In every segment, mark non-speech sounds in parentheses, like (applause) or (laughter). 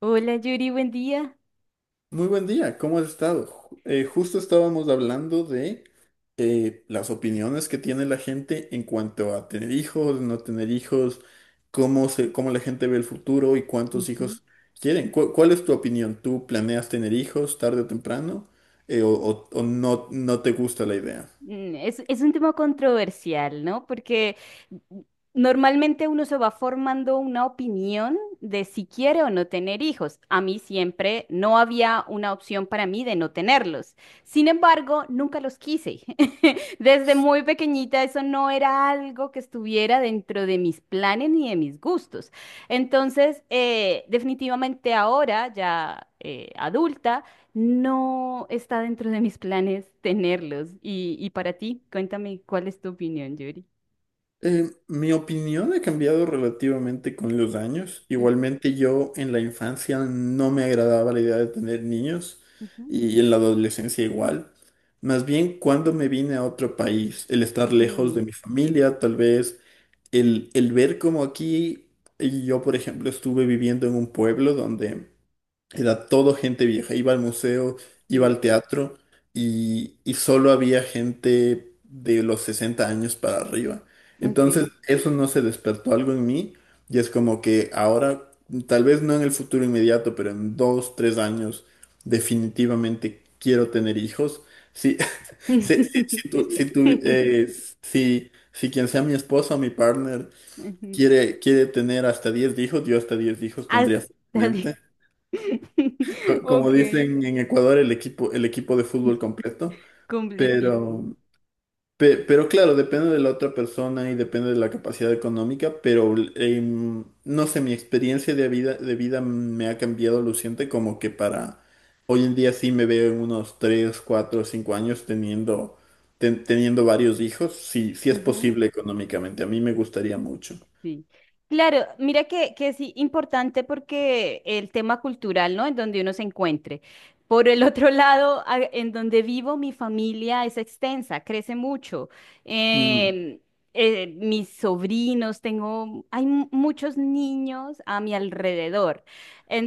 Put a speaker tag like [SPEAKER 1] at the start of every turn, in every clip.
[SPEAKER 1] Hola Yuri, buen día.
[SPEAKER 2] Muy buen día, ¿cómo has estado? Justo estábamos hablando de las opiniones que tiene la gente en cuanto a tener hijos, no tener hijos, cómo la gente ve el futuro y cuántos
[SPEAKER 1] Ujú.
[SPEAKER 2] hijos quieren. ¿Cuál es tu opinión? ¿Tú planeas tener hijos tarde o temprano? ¿O no, no te gusta la idea?
[SPEAKER 1] Es un tema controversial, ¿no? Porque normalmente uno se va formando una opinión de si quiere o no tener hijos. A mí siempre no había una opción para mí de no tenerlos. Sin embargo, nunca los quise. (laughs) Desde muy pequeñita eso no era algo que estuviera dentro de mis planes ni de mis gustos. Entonces, definitivamente ahora, ya adulta, no está dentro de mis planes (laughs) tenerlos. Y para ti, cuéntame, ¿cuál es tu opinión, Yuri?
[SPEAKER 2] Mi opinión ha cambiado relativamente con los años.
[SPEAKER 1] Ujú,
[SPEAKER 2] Igualmente yo en la infancia no me agradaba la idea de tener niños
[SPEAKER 1] ujú.
[SPEAKER 2] y en la adolescencia igual. Más bien cuando me vine a otro país, el estar lejos
[SPEAKER 1] Mm,
[SPEAKER 2] de mi familia, tal vez el ver como aquí, y yo por ejemplo estuve viviendo en un pueblo donde era todo gente vieja. Iba al museo, iba
[SPEAKER 1] mm,
[SPEAKER 2] al teatro y solo había gente de los 60 años para arriba.
[SPEAKER 1] ok.
[SPEAKER 2] Entonces, eso no se despertó algo en mí y es como que ahora, tal vez no en el futuro inmediato, pero en dos, tres años, definitivamente quiero tener hijos. Sí, (laughs) sí, sí, sí, sí, tú,
[SPEAKER 1] (laughs)
[SPEAKER 2] sí, si quien sea mi esposa o mi partner
[SPEAKER 1] Ujú.
[SPEAKER 2] quiere, quiere tener hasta 10 hijos, yo hasta 10 hijos tendría
[SPEAKER 1] Hasta di-
[SPEAKER 2] fácilmente
[SPEAKER 1] (laughs)
[SPEAKER 2] como
[SPEAKER 1] Ok,
[SPEAKER 2] dicen en Ecuador, el equipo de fútbol completo,
[SPEAKER 1] completico.
[SPEAKER 2] pero, pero claro, depende de la otra persona y depende de la capacidad económica, pero no sé, mi experiencia de vida me ha cambiado luciente como que para hoy en día sí me veo en unos 3 4 5 años teniendo, teniendo varios hijos, si si es
[SPEAKER 1] Ujú.
[SPEAKER 2] posible económicamente, a mí me gustaría mucho.
[SPEAKER 1] Sí. Claro, mira que sí, importante porque el tema cultural, ¿no? En donde uno se encuentre. Por el otro (laughs) lado, a- en donde vivo, mi familia es extensa, crece mucho.
[SPEAKER 2] Mm.
[SPEAKER 1] Em, mis sobrinos, tengo, hay mu- muchos niños a mi alrededor.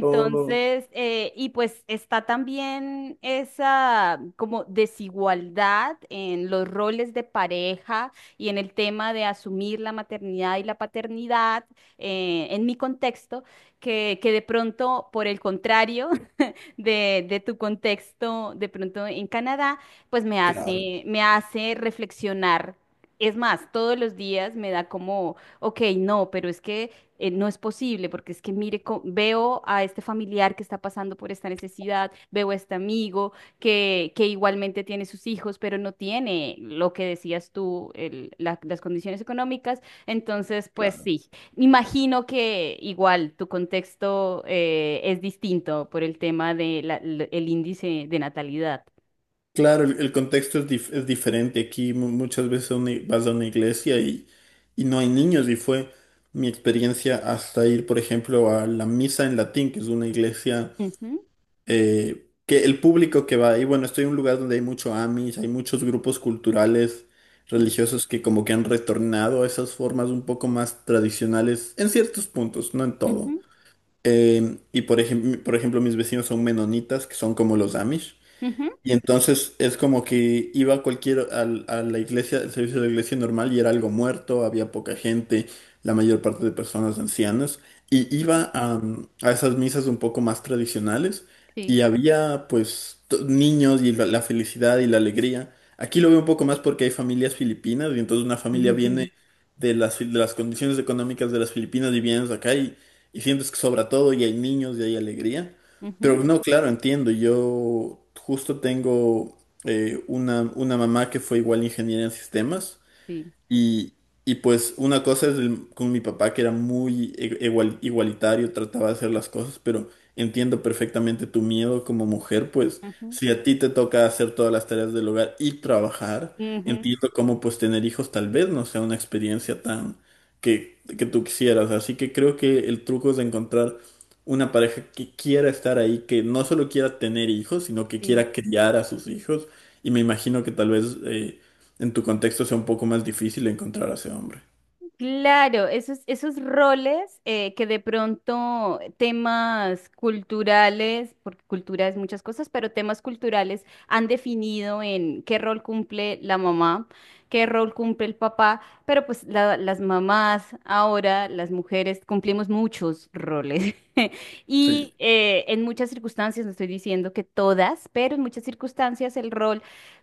[SPEAKER 2] Oh,
[SPEAKER 1] y pues está también esa como desigualdad en los roles de pareja y en el tema de asumir la maternidad y la paternidad en mi contexto, que de pronto, por el contrario, de tu contexto de pronto en Canadá, pues me
[SPEAKER 2] claro,
[SPEAKER 1] hace, me hace reflexionar. Es más, todos los días me da como, ok, no, pero es que no es posible, porque es que mire, co- veo a este familiar que está pasando por esta necesidad, veo a este amigo que igualmente tiene sus hijos, pero no tiene lo que decías tú, el- la- las condiciones económicas. Entonces, pues
[SPEAKER 2] claro.
[SPEAKER 1] sí, imagino que igual tu contexto es distinto por el tema del índice de natalidad.
[SPEAKER 2] Claro, el contexto es, es diferente. Aquí muchas veces a vas a una iglesia y no hay niños y fue mi experiencia hasta ir, por ejemplo, a la misa en latín, que es una iglesia
[SPEAKER 1] Ujú,
[SPEAKER 2] que el público que va ahí, bueno, estoy en un lugar donde hay mucho Amish, hay muchos grupos culturales
[SPEAKER 1] sí.
[SPEAKER 2] religiosos que como que han retornado a esas formas un poco más tradicionales en ciertos puntos, no en todo.
[SPEAKER 1] Ujú,
[SPEAKER 2] Y por ejemplo, mis vecinos son menonitas, que son como los Amish.
[SPEAKER 1] ujú,
[SPEAKER 2] Y entonces es como que iba a cualquier a la iglesia, el servicio de la iglesia normal y era algo muerto, había poca gente, la mayor parte de personas ancianas, y
[SPEAKER 1] ujú,
[SPEAKER 2] iba a, mm, a esas misas un poco más tradicionales y
[SPEAKER 1] sí.
[SPEAKER 2] había pues niños y la felicidad y la alegría. Aquí lo veo un poco más porque hay familias filipinas y entonces una familia viene
[SPEAKER 1] (laughs)
[SPEAKER 2] de las condiciones económicas de las Filipinas y vienes acá y sientes que sobra todo y hay niños y hay alegría.
[SPEAKER 1] Ujú,
[SPEAKER 2] Pero no, claro, entiendo. Yo justo tengo una mamá que fue igual ingeniera en sistemas.
[SPEAKER 1] sí.
[SPEAKER 2] Y, y pues una cosa es con mi papá que era muy igualitario, trataba de hacer las cosas, pero entiendo perfectamente tu miedo como mujer, pues
[SPEAKER 1] Ujú,
[SPEAKER 2] si a ti te toca hacer todas las tareas del hogar y trabajar,
[SPEAKER 1] ujú,
[SPEAKER 2] entiendo cómo pues tener hijos tal vez no sea una experiencia tan que tú quisieras. Así que creo que el truco es encontrar una pareja que quiera estar ahí, que no solo quiera tener hijos, sino que
[SPEAKER 1] sí.
[SPEAKER 2] quiera criar a sus hijos. Y me imagino que tal vez... en tu contexto sea un poco más difícil encontrar a ese hombre.
[SPEAKER 1] Claro, esos roles que de pronto temas culturales, porque cultura es muchas cosas, pero temas culturales han definido en qué rol cumple la mamá, qué rol cumple el papá, pero pues la- las mamás ahora, las mujeres, cumplimos muchos roles. (laughs)
[SPEAKER 2] Sí.
[SPEAKER 1] Y en muchas circunstancias, no estoy diciendo que todas, pero en muchas circunstancias el rol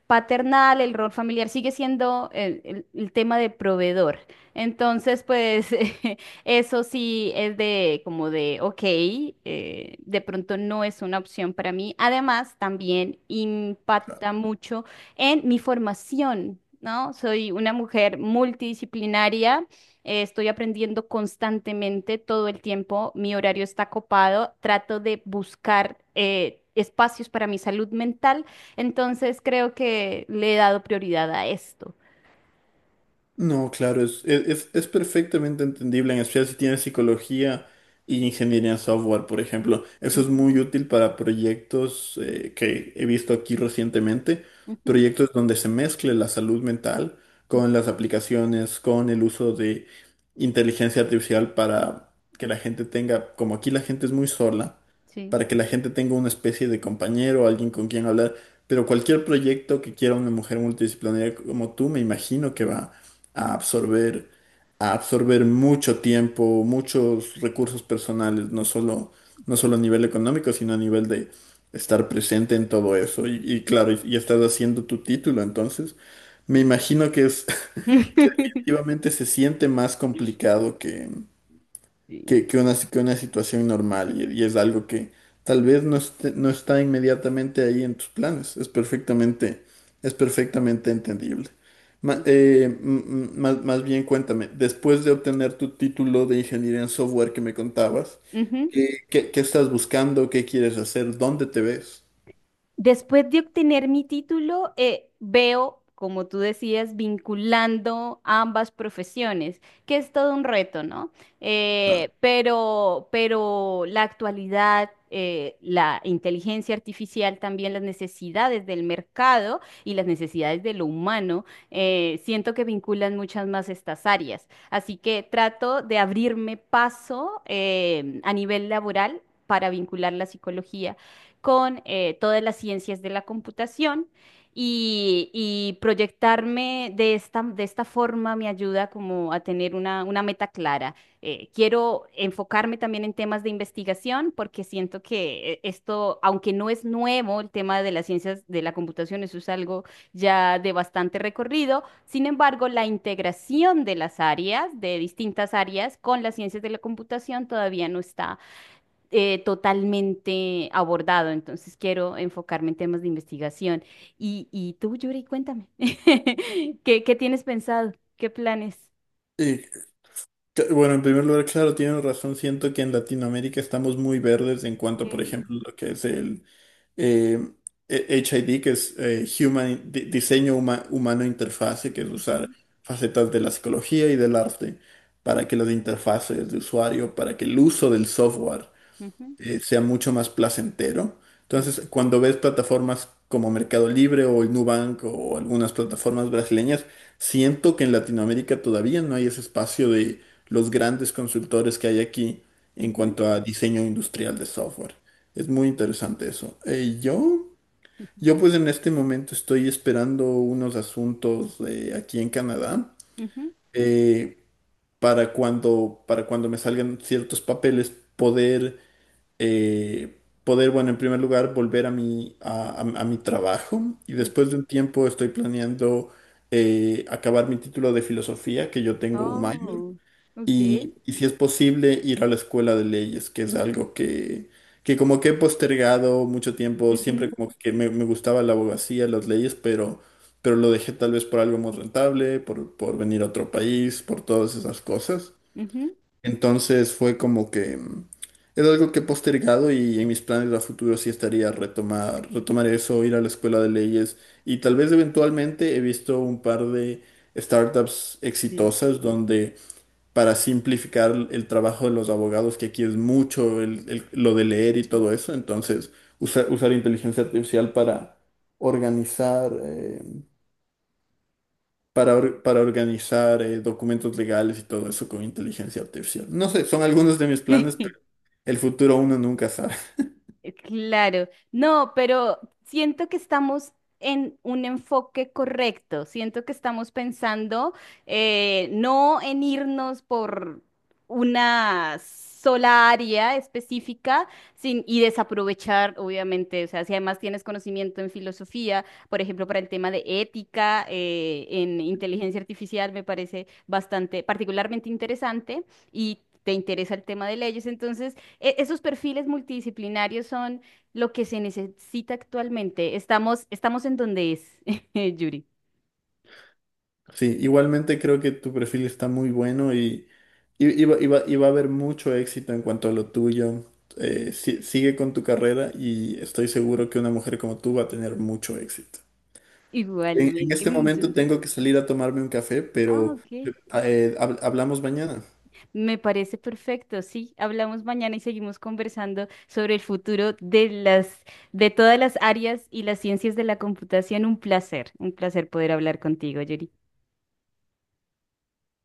[SPEAKER 1] paternal, el rol familiar sigue siendo el tema de proveedor. Entonces, pues (laughs) eso sí es de como de, ok, de pronto no es una opción para mí. Además, también impacta mucho en mi formación, ¿no? Soy una mujer multidisciplinaria, estoy aprendiendo constantemente todo el tiempo, mi horario está copado, trato de buscar espacios para mi salud mental, entonces creo que le he dado prioridad a esto.
[SPEAKER 2] No, claro, es, e-, es, es- perfectamente entendible, en especial si tienes psicología y ingeniería en software, por ejemplo. Eso es
[SPEAKER 1] Ujú,
[SPEAKER 2] muy útil para proyectos que he visto aquí recientemente,
[SPEAKER 1] ujú,
[SPEAKER 2] proyectos donde se mezcle la salud mental
[SPEAKER 1] ujú,
[SPEAKER 2] con las aplicaciones, con el uso de inteligencia artificial para que la gente tenga, como aquí la gente es muy sola,
[SPEAKER 1] sí.
[SPEAKER 2] para que la gente tenga una especie de compañero, alguien con quien hablar. Pero cualquier proyecto que quiera una mujer multidisciplinaria como tú, me imagino que va a absorber, a absorber mucho tiempo, muchos recursos personales, no solo, no solo a nivel económico, sino a nivel de estar presente en todo eso. Y claro, y estás haciendo tu título, entonces me
[SPEAKER 1] Sí.
[SPEAKER 2] imagino que es (laughs) que
[SPEAKER 1] (laughs)
[SPEAKER 2] definitivamente se siente más complicado que,
[SPEAKER 1] Sí.
[SPEAKER 2] que una situación normal y es algo que tal vez no está inmediatamente ahí en tus planes. Es perfectamente entendible. Más bien cuéntame, después de obtener tu título de ingeniería en software que me contabas,
[SPEAKER 1] Ujú.
[SPEAKER 2] ¿qué, qué estás buscando? ¿Qué quieres hacer? ¿Dónde te ves?
[SPEAKER 1] Después de obtener mi título, veo, como tú decías, vinculando ambas profesiones, que es todo un reto, ¿no? Pero la actualidad, la inteligencia artificial, también las necesidades del mercado y las necesidades de lo humano, siento que vinculan muchas más estas áreas. Así que trato de abrirme paso, a nivel laboral para vincular la psicología con todas las ciencias de la computación y proyectarme de esta forma me ayuda como a tener una meta clara. Quiero enfocarme también en temas de investigación porque siento que esto, aunque no es nuevo, el tema de las ciencias de la computación, eso es algo ya de bastante recorrido. Sin embargo, la integración de las áreas, de distintas áreas con las ciencias de la computación todavía no está totalmente abordado. Entonces quiero enfocarme en temas de investigación. Y tú, Yuri, cuéntame, (laughs) ¿qué tienes pensado? ¿Qué planes?
[SPEAKER 2] Bueno, en primer lugar, claro, tienen razón. Siento que en Latinoamérica estamos muy verdes en cuanto, por
[SPEAKER 1] Mm,
[SPEAKER 2] ejemplo, lo que es el eh, HID, que es Human, Diseño Humano Interfase, que es usar
[SPEAKER 1] ujú,
[SPEAKER 2] facetas de la psicología y del arte para que las interfaces de usuario, para que el uso del software
[SPEAKER 1] ujú,
[SPEAKER 2] sea mucho más placentero.
[SPEAKER 1] sí,
[SPEAKER 2] Entonces, cuando ves plataformas como Mercado Libre o el Nubank o algunas plataformas brasileñas, siento que en Latinoamérica todavía no hay ese espacio de los grandes consultores que hay aquí en
[SPEAKER 1] ujú,
[SPEAKER 2] cuanto a diseño industrial de software. Es muy interesante eso.
[SPEAKER 1] ujú,
[SPEAKER 2] Yo pues en este momento estoy esperando unos asuntos aquí en Canadá
[SPEAKER 1] ujú,
[SPEAKER 2] eh, para cuando me salgan ciertos papeles poder eh, poder, bueno, en primer lugar, volver a mi, a mi trabajo y después
[SPEAKER 1] ujú.
[SPEAKER 2] de un tiempo estoy planeando acabar mi título de filosofía, que yo tengo un minor,
[SPEAKER 1] Oh, ok.
[SPEAKER 2] y si es posible ir a la escuela de leyes, que es algo que como que he postergado mucho tiempo, siempre
[SPEAKER 1] Ujú,
[SPEAKER 2] como que me gustaba la abogacía, las leyes, pero lo dejé tal vez por algo más rentable, por venir a otro país, por todas esas cosas.
[SPEAKER 1] ujú,
[SPEAKER 2] Entonces fue como que mm, es algo que he postergado y en mis planes a futuro sí estaría retomar, retomar eso, ir a la escuela de leyes y tal vez eventualmente he visto un par de startups
[SPEAKER 1] sí.
[SPEAKER 2] exitosas donde para simplificar el trabajo de los abogados, que aquí es mucho lo de leer y todo eso, entonces usar inteligencia artificial para organizar, para, para organizar documentos legales y todo eso con inteligencia artificial. No sé, son algunos de mis planes,
[SPEAKER 1] (laughs)
[SPEAKER 2] el futuro uno nunca sabe. (laughs)
[SPEAKER 1] Claro, no, pero siento que estamos en un enfoque correcto, siento que estamos pensando no en irnos por una sola área específica sin, y desaprovechar, obviamente, o sea, si además tienes conocimiento en filosofía, por ejemplo, para el tema de ética, en inteligencia artificial, me parece bastante, particularmente interesante y te interesa el tema de leyes, entonces e- esos perfiles multidisciplinarios son lo que se necesita actualmente. Estamos en donde es, (laughs) Yuri.
[SPEAKER 2] Sí, igualmente creo que tu perfil está muy bueno y va, y va a haber mucho éxito en cuanto a lo tuyo. Sigue con tu carrera y estoy seguro que una mujer como tú va a tener mucho éxito. En
[SPEAKER 1] Igualmente,
[SPEAKER 2] este
[SPEAKER 1] muchas
[SPEAKER 2] momento
[SPEAKER 1] gracias.
[SPEAKER 2] tengo que salir a tomarme un café,
[SPEAKER 1] Ah,
[SPEAKER 2] pero
[SPEAKER 1] ok.
[SPEAKER 2] hablamos mañana.
[SPEAKER 1] Me parece perfecto. Sí, hablamos mañana y seguimos conversando sobre el futuro de las, de todas las áreas y las ciencias de la computación. Un placer poder hablar contigo, Yuri.